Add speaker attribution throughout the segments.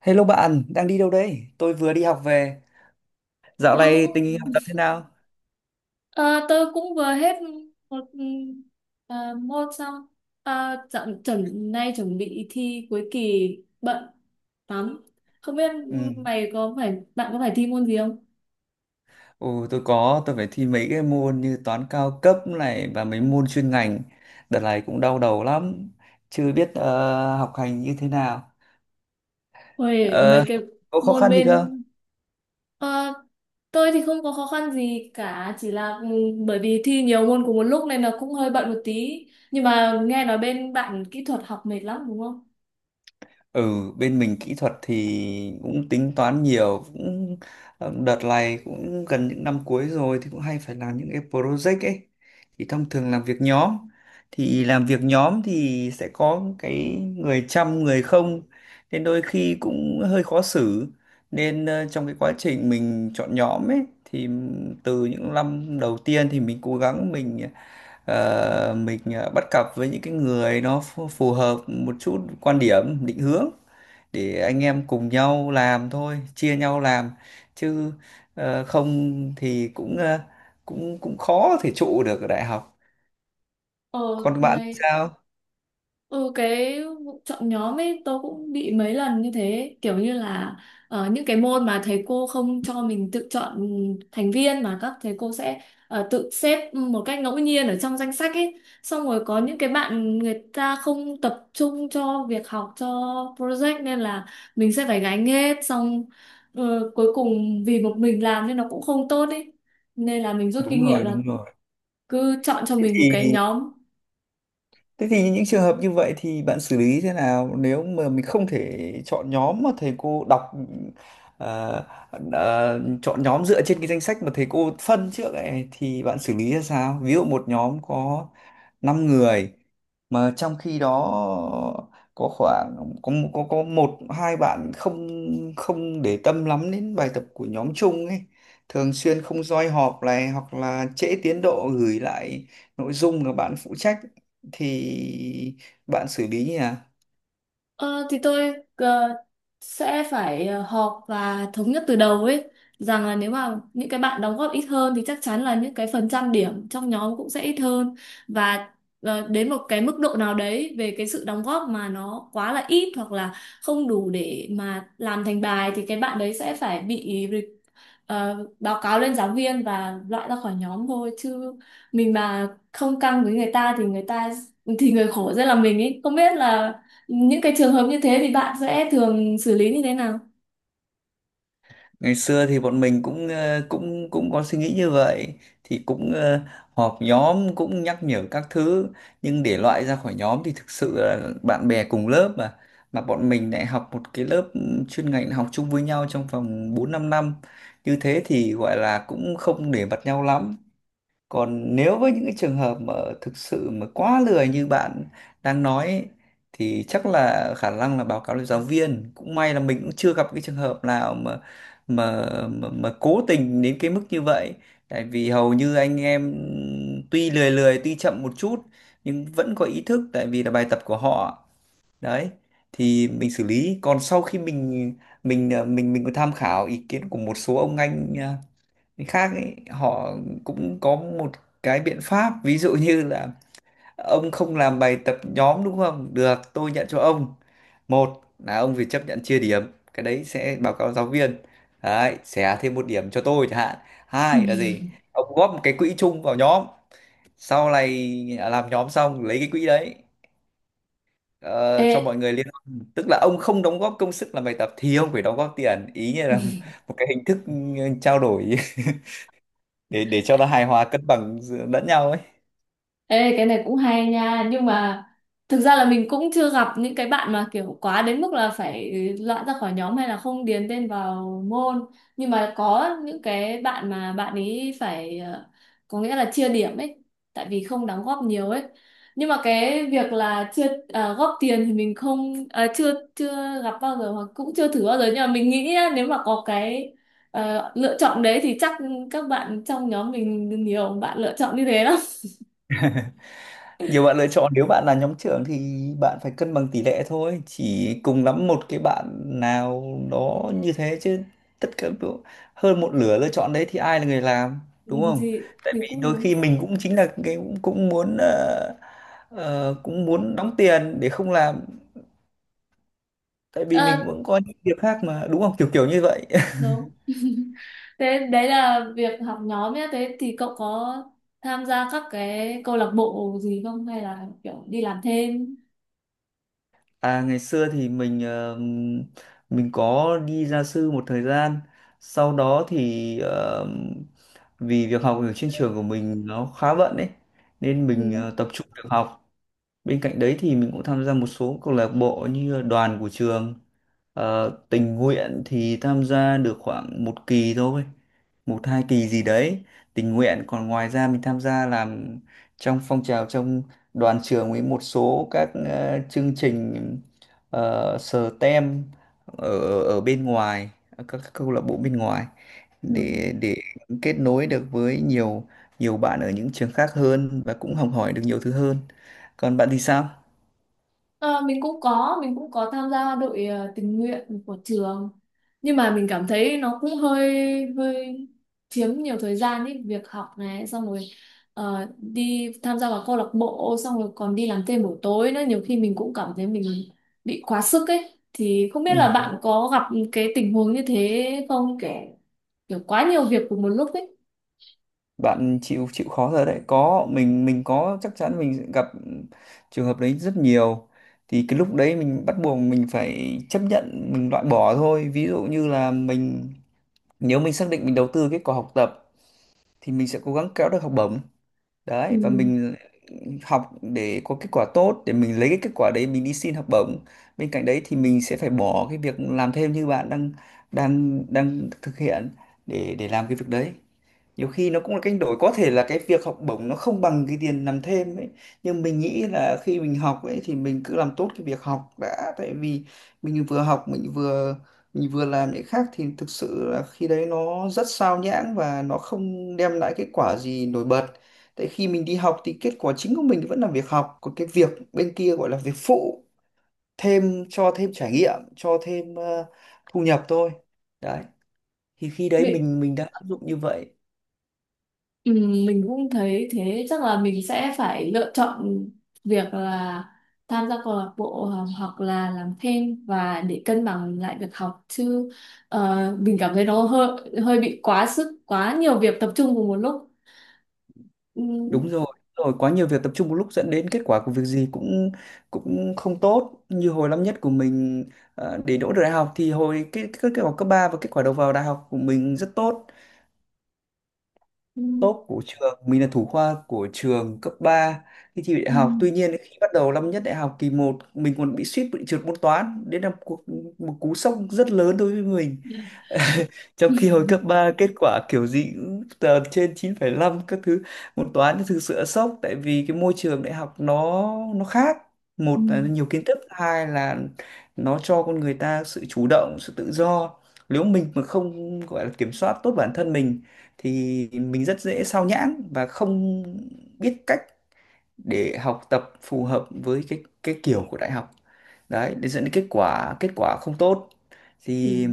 Speaker 1: Hello bạn, đang đi đâu đấy? Tôi vừa đi học về. Dạo
Speaker 2: tôi
Speaker 1: này tình
Speaker 2: cũng
Speaker 1: hình học tập thế nào?
Speaker 2: ờ, tôi cũng vừa hết một ờ, môn xong. À, dạo nay chuẩn bị thi cuối kỳ, bận lắm. Không biết
Speaker 1: Ừ.
Speaker 2: mày có phải bạn có phải thi môn gì không?
Speaker 1: Ồ, tôi có, tôi phải thi mấy cái môn như toán cao cấp này và mấy môn chuyên ngành. Đợt này cũng đau đầu lắm, chưa biết học hành như thế nào.
Speaker 2: Ôi, mấy
Speaker 1: Ờ,
Speaker 2: cái
Speaker 1: có khó
Speaker 2: môn
Speaker 1: khăn gì
Speaker 2: bên.
Speaker 1: không?
Speaker 2: ờ, tôi thì không có khó khăn gì cả, chỉ là bởi vì thi nhiều môn cùng một lúc nên là cũng hơi bận một tí. Nhưng mà nghe nói bên bạn kỹ thuật học mệt lắm, đúng không?
Speaker 1: Ừ, bên mình kỹ thuật thì cũng tính toán nhiều, cũng đợt này cũng gần những năm cuối rồi thì cũng hay phải làm những cái project ấy. Thì thông thường làm việc nhóm, thì sẽ có cái người chăm người không, nên đôi khi cũng hơi khó xử. Nên trong cái quá trình mình chọn nhóm ấy thì từ những năm đầu tiên thì mình cố gắng bắt cặp với những cái người nó phù phù hợp một chút quan điểm, định hướng để anh em cùng nhau làm thôi, chia nhau làm chứ không thì cũng cũng cũng khó thể trụ được ở đại học.
Speaker 2: Ờ
Speaker 1: Còn bạn
Speaker 2: ngày
Speaker 1: sao?
Speaker 2: Ừ, cái vụ chọn nhóm ấy tôi cũng bị mấy lần như thế, kiểu như là những cái môn mà thầy cô không cho mình tự chọn thành viên, mà các thầy cô sẽ tự xếp một cách ngẫu nhiên ở trong danh sách ấy, xong rồi có những cái bạn người ta không tập trung cho việc học, cho project, nên là mình sẽ phải gánh hết. Xong cuối cùng vì một mình làm nên nó cũng không tốt ấy, nên là mình rút kinh
Speaker 1: Đúng
Speaker 2: nghiệm
Speaker 1: rồi,
Speaker 2: là
Speaker 1: đúng rồi.
Speaker 2: cứ chọn cho
Speaker 1: Thế
Speaker 2: mình một
Speaker 1: thì
Speaker 2: cái nhóm.
Speaker 1: Thế thì những trường hợp như vậy thì bạn xử lý thế nào, nếu mà mình không thể chọn nhóm mà thầy cô đọc ờ, chọn nhóm dựa trên cái danh sách mà thầy cô phân trước ấy, thì bạn xử lý ra sao? Ví dụ một nhóm có 5 người mà trong khi đó có khoảng có một hai bạn không không để tâm lắm đến bài tập của nhóm chung ấy, thường xuyên không roi họp này hoặc là trễ tiến độ gửi lại nội dung mà bạn phụ trách, thì bạn xử lý nhỉ?
Speaker 2: Ờ, thì tôi sẽ phải họp và thống nhất từ đầu ấy, rằng là nếu mà những cái bạn đóng góp ít hơn thì chắc chắn là những cái phần trăm điểm trong nhóm cũng sẽ ít hơn. Và đến một cái mức độ nào đấy về cái sự đóng góp mà nó quá là ít hoặc là không đủ để mà làm thành bài, thì cái bạn đấy sẽ phải bị báo cáo lên giáo viên và loại ra khỏi nhóm thôi. Chứ mình mà không căng với người ta thì người khổ sẽ là mình ấy. Không biết là những cái trường hợp như thế thì bạn sẽ thường xử lý như thế nào?
Speaker 1: Ngày xưa thì bọn mình cũng cũng cũng có suy nghĩ như vậy, thì cũng họp nhóm cũng nhắc nhở các thứ. Nhưng để loại ra khỏi nhóm thì thực sự là bạn bè cùng lớp, mà bọn mình lại học một cái lớp chuyên ngành học chung với nhau trong vòng 4 5 năm, như thế thì gọi là cũng không để mặt nhau lắm. Còn nếu với những cái trường hợp mà thực sự mà quá lười như bạn đang nói ấy, thì chắc là khả năng là báo cáo lên giáo viên. Cũng may là mình cũng chưa gặp cái trường hợp nào mà cố tình đến cái mức như vậy. Tại vì hầu như anh em tuy lười lười, tuy chậm một chút nhưng vẫn có ý thức tại vì là bài tập của họ. Đấy, thì mình xử lý. Còn sau khi mình ờ, mình có tham khảo ý kiến của một số ông anh cái khác ấy, họ cũng có một cái biện pháp, ví dụ như là: ông không làm bài tập nhóm, đúng không được, tôi nhận cho ông. Một là ông phải chấp nhận chia điểm, cái đấy sẽ báo cáo giáo viên, đấy xẻ thêm một điểm cho tôi chẳng hạn.
Speaker 2: Ừ.
Speaker 1: Hai là gì? Ông góp một cái quỹ chung vào nhóm, sau này làm nhóm xong lấy cái quỹ đấy ờ,
Speaker 2: Ê,
Speaker 1: cho mọi người liên quan. Tức là ông không đóng góp công sức làm bài tập thì ông phải đóng góp tiền ý, như là một cái hình thức trao đổi để cho nó hài hòa cân bằng lẫn nhau ấy.
Speaker 2: Ê, cái này cũng hay nha. Nhưng mà thực ra là mình cũng chưa gặp những cái bạn mà kiểu quá đến mức là phải loại ra khỏi nhóm hay là không điền tên vào môn. Nhưng mà có những cái bạn mà bạn ấy phải có nghĩa là chia điểm ấy, tại vì không đóng góp nhiều ấy. Nhưng mà cái việc là chưa góp tiền thì mình không ờ, chưa chưa gặp bao giờ hoặc cũng chưa thử bao giờ. Nhưng mà mình nghĩ á, nếu mà có cái lựa chọn đấy thì chắc các bạn trong nhóm mình nhiều bạn lựa chọn như thế lắm.
Speaker 1: Nhiều bạn lựa chọn, nếu bạn là nhóm trưởng thì bạn phải cân bằng tỷ lệ thôi, chỉ cùng lắm một cái bạn nào đó như thế chứ. Tất cả đu- hơn một nửa lựa chọn đấy thì ai là người làm, đúng không?
Speaker 2: thì
Speaker 1: Tại
Speaker 2: thì
Speaker 1: vì
Speaker 2: cũng
Speaker 1: đôi
Speaker 2: đúng.
Speaker 1: khi mình cũng chính là cái cũng muốn đóng tiền để không làm, tại vì
Speaker 2: Ờ,
Speaker 1: mình cũng có những việc khác mà, đúng không, kiểu kiểu như vậy.
Speaker 2: đúng. Thế đấy là việc học nhóm nhé, thế thì cậu có tham gia các cái câu lạc bộ gì không hay là kiểu đi làm thêm?
Speaker 1: À, ngày xưa thì mình có đi gia sư một thời gian. Sau đó thì vì việc học ở trên trường của mình nó khá bận ấy, nên
Speaker 2: Ừ.
Speaker 1: mình tập trung việc học. Bên cạnh đấy thì mình cũng tham gia một số câu lạc bộ như là đoàn của trường. Tình nguyện thì tham gia được khoảng một kỳ thôi, một hai kỳ gì đấy. Tình nguyện, còn ngoài ra mình tham gia làm trong phong trào, trong đoàn trường, với một số các chương trình STEM ở ở bên ngoài, ở các câu lạc bộ bên ngoài
Speaker 2: Ừ.
Speaker 1: để kết nối được với nhiều nhiều bạn ở những trường khác hơn và cũng học hỏi được nhiều thứ hơn. Còn bạn thì sao?
Speaker 2: Ờ, mình cũng có tham gia đội tình nguyện của trường, nhưng mà mình cảm thấy nó cũng hơi hơi chiếm nhiều thời gian ấy. Việc học này xong rồi đi tham gia vào câu lạc bộ, xong rồi còn đi làm thêm buổi tối nữa, nhiều khi mình cũng cảm thấy mình bị quá sức ấy. Thì không biết là
Speaker 1: Ừ.
Speaker 2: bạn có gặp cái tình huống như thế không, kể kiểu quá nhiều việc cùng một lúc ấy?
Speaker 1: Bạn chịu chịu khó rồi đấy, có mình có, chắc chắn mình sẽ gặp trường hợp đấy rất nhiều. Thì cái lúc đấy mình bắt buộc mình phải chấp nhận mình loại bỏ thôi. Ví dụ như là mình, nếu mình xác định mình đầu tư kết quả học tập thì mình sẽ cố gắng kéo được học bổng đấy, và mình học để có kết quả tốt để mình lấy cái kết quả đấy mình đi xin học bổng. Bên cạnh đấy thì mình sẽ phải bỏ cái việc làm thêm như bạn đang đang đang thực hiện để làm cái việc đấy. Nhiều khi nó cũng là cách đổi, có thể là cái việc học bổng nó không bằng cái tiền làm thêm ấy, nhưng mình nghĩ là khi mình học ấy thì mình cứ làm tốt cái việc học đã. Tại vì mình vừa học, mình vừa làm những khác thì thực sự là khi đấy nó rất sao nhãng và nó không đem lại kết quả gì nổi bật. Tại khi mình đi học thì kết quả chính của mình vẫn là việc học, còn cái việc bên kia gọi là việc phụ, thêm cho thêm trải nghiệm, cho thêm thu nhập thôi. Đấy, thì khi đấy
Speaker 2: Ừ.
Speaker 1: mình đã áp dụng như vậy.
Speaker 2: Ừ, mình cũng thấy thế, chắc là mình sẽ phải lựa chọn việc là tham gia câu lạc bộ hoặc hoặc là làm thêm và để cân bằng lại việc học chứ mình cảm thấy nó hơi hơi bị quá sức, quá nhiều việc tập trung cùng một lúc. Ừ.
Speaker 1: Đúng rồi, đúng rồi, quá nhiều việc tập trung một lúc dẫn đến kết quả của việc gì cũng cũng không tốt, như hồi năm nhất của mình. Để đỗ được đại học thì hồi cái kết quả cấp 3 và kết quả đầu vào đại học của mình rất tốt,
Speaker 2: Ừ,
Speaker 1: top của trường. Mình là thủ khoa của trường cấp 3 khi thi đại
Speaker 2: ừ,
Speaker 1: học. Tuy nhiên, khi bắt đầu năm nhất đại học kỳ một, mình còn bị suýt bị trượt môn toán, đến là một cú sốc rất lớn đối với mình trong khi hồi cấp 3 kết quả kiểu gì cũng tờ trên 9,5 các thứ. Môn toán thì thực sự sốc, tại vì cái môi trường đại học nó khác,
Speaker 2: ừ.
Speaker 1: một là nhiều kiến thức, hai là nó cho con người ta sự chủ động, sự tự do. Nếu mình mà không gọi là kiểm soát tốt bản thân mình thì mình rất dễ sao nhãng và không biết cách để học tập phù hợp với cái kiểu của đại học đấy, để dẫn đến kết quả không tốt. Thì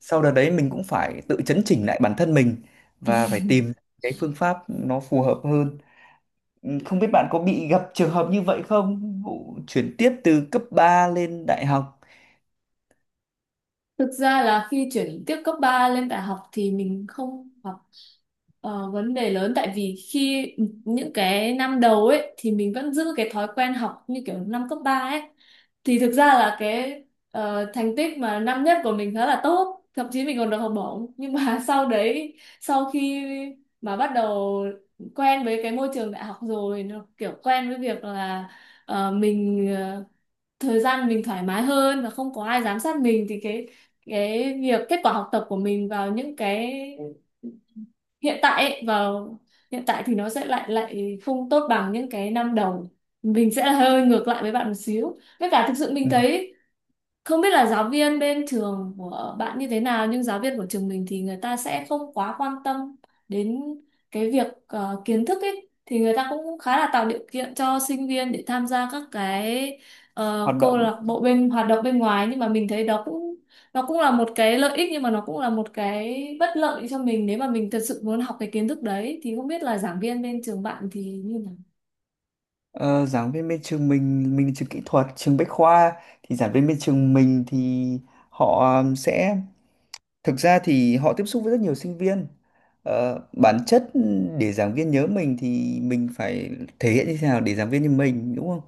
Speaker 1: sau đợt đấy mình cũng phải tự chấn chỉnh lại bản thân mình
Speaker 2: Ừ.
Speaker 1: và phải tìm cái phương pháp nó phù hợp hơn. Ừ, không biết bạn có bị gặp trường hợp như vậy không, vụ chuyển tiếp từ cấp 3 lên đại học?
Speaker 2: Thực ra là khi chuyển tiếp cấp 3 lên đại học thì mình không gặp vấn đề lớn, tại vì khi những cái năm đầu ấy thì mình vẫn giữ cái thói quen học như kiểu năm cấp 3 ấy. Thì thực ra là cái thành tích mà năm nhất của mình khá là tốt, thậm chí mình còn được học bổng. Nhưng mà sau đấy, sau khi mà bắt đầu quen với cái môi trường đại học rồi, nó kiểu quen với việc là mình thời gian mình thoải mái hơn và không có ai giám sát mình, thì cái việc kết quả học tập của mình vào những cái hiện tại ấy, vào hiện tại thì nó sẽ lại lại không tốt bằng những cái năm đầu. Mình sẽ hơi ngược lại với bạn một xíu, với cả thực sự mình
Speaker 1: Ừ,
Speaker 2: thấy không biết là giáo viên bên trường của bạn như thế nào, nhưng giáo viên của trường mình thì người ta sẽ không quá quan tâm đến cái việc kiến thức ấy, thì người ta cũng khá là tạo điều kiện cho sinh viên để tham gia các cái
Speaker 1: hoạt
Speaker 2: câu
Speaker 1: động.
Speaker 2: lạc bộ bên hoạt động bên ngoài. Nhưng mà mình thấy đó cũng, nó cũng là một cái lợi ích nhưng mà nó cũng là một cái bất lợi cho mình nếu mà mình thật sự muốn học cái kiến thức đấy. Thì không biết là giảng viên bên trường bạn thì như nào?
Speaker 1: Ờ, giảng viên bên trường mình là trường kỹ thuật, trường Bách Khoa, thì giảng viên bên trường mình thì họ sẽ, thực ra thì họ tiếp xúc với rất nhiều sinh viên. Bản chất để giảng viên nhớ mình thì mình phải thể hiện như thế nào để giảng viên như mình, đúng không?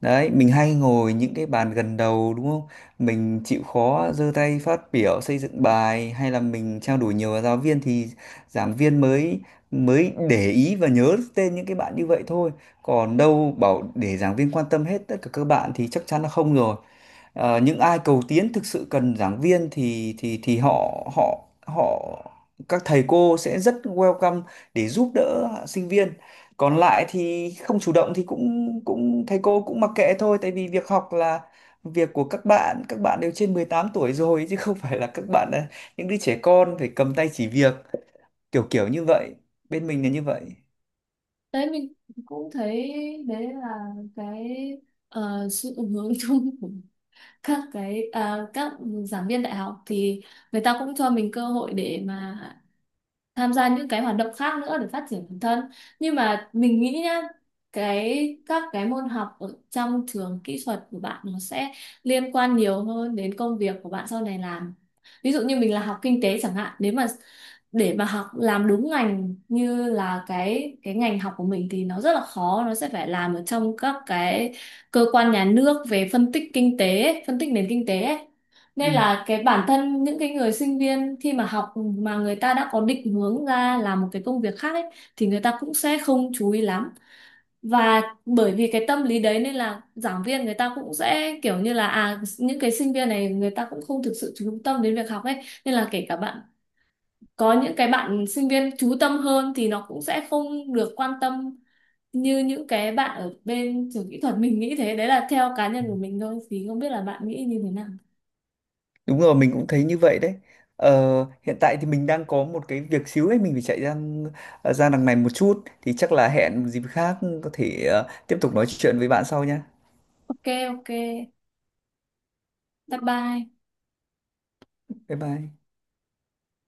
Speaker 1: Đấy, mình hay ngồi những cái bàn gần đầu, đúng không? Mình chịu khó giơ tay phát biểu xây dựng bài, hay là mình trao đổi nhiều với giáo viên thì giảng viên mới mới để ý và nhớ tên những cái bạn như vậy thôi. Còn đâu bảo để giảng viên quan tâm hết tất cả các bạn thì chắc chắn là không rồi. Những ai cầu tiến thực sự cần giảng viên thì họ họ họ các thầy cô sẽ rất welcome để giúp đỡ sinh viên. Còn lại thì không chủ động thì cũng cũng thầy cô cũng mặc kệ thôi, tại vì việc học là việc của các bạn đều trên 18 tuổi rồi chứ không phải là các bạn là những đứa trẻ con phải cầm tay chỉ việc, kiểu kiểu như vậy. Bên mình là như vậy.
Speaker 2: Đấy mình cũng thấy đấy là cái sự hướng chung của các cái các giảng viên đại học thì người ta cũng cho mình cơ hội để mà tham gia những cái hoạt động khác nữa để phát triển bản thân. Nhưng mà mình nghĩ nhá, cái các cái môn học ở trong trường kỹ thuật của bạn nó sẽ liên quan nhiều hơn đến công việc của bạn sau này làm. Ví dụ như mình là học kinh tế chẳng hạn, nếu mà để mà học làm đúng ngành như là cái ngành học của mình thì nó rất là khó, nó sẽ phải làm ở trong các cái cơ quan nhà nước về phân tích kinh tế ấy, phân tích nền kinh tế ấy. Nên
Speaker 1: Ừ.
Speaker 2: là cái bản thân những cái người sinh viên khi mà học mà người ta đã có định hướng ra làm một cái công việc khác ấy thì người ta cũng sẽ không chú ý lắm. Và bởi vì cái tâm lý đấy nên là giảng viên người ta cũng sẽ kiểu như là à những cái sinh viên này người ta cũng không thực sự chú tâm đến việc học ấy, nên là kể cả bạn có những cái bạn sinh viên chú tâm hơn thì nó cũng sẽ không được quan tâm như những cái bạn ở bên trường kỹ thuật. Mình nghĩ thế, đấy là theo cá nhân của mình thôi, thì không biết là bạn nghĩ như thế nào.
Speaker 1: Đúng rồi, mình cũng thấy như vậy đấy. Hiện tại thì mình đang có một cái việc xíu ấy, mình phải chạy ra ra đằng này một chút. Thì chắc là hẹn một dịp khác, có thể tiếp tục nói chuyện với bạn sau nha.
Speaker 2: OK, OK. Bye bye.
Speaker 1: Bye bye.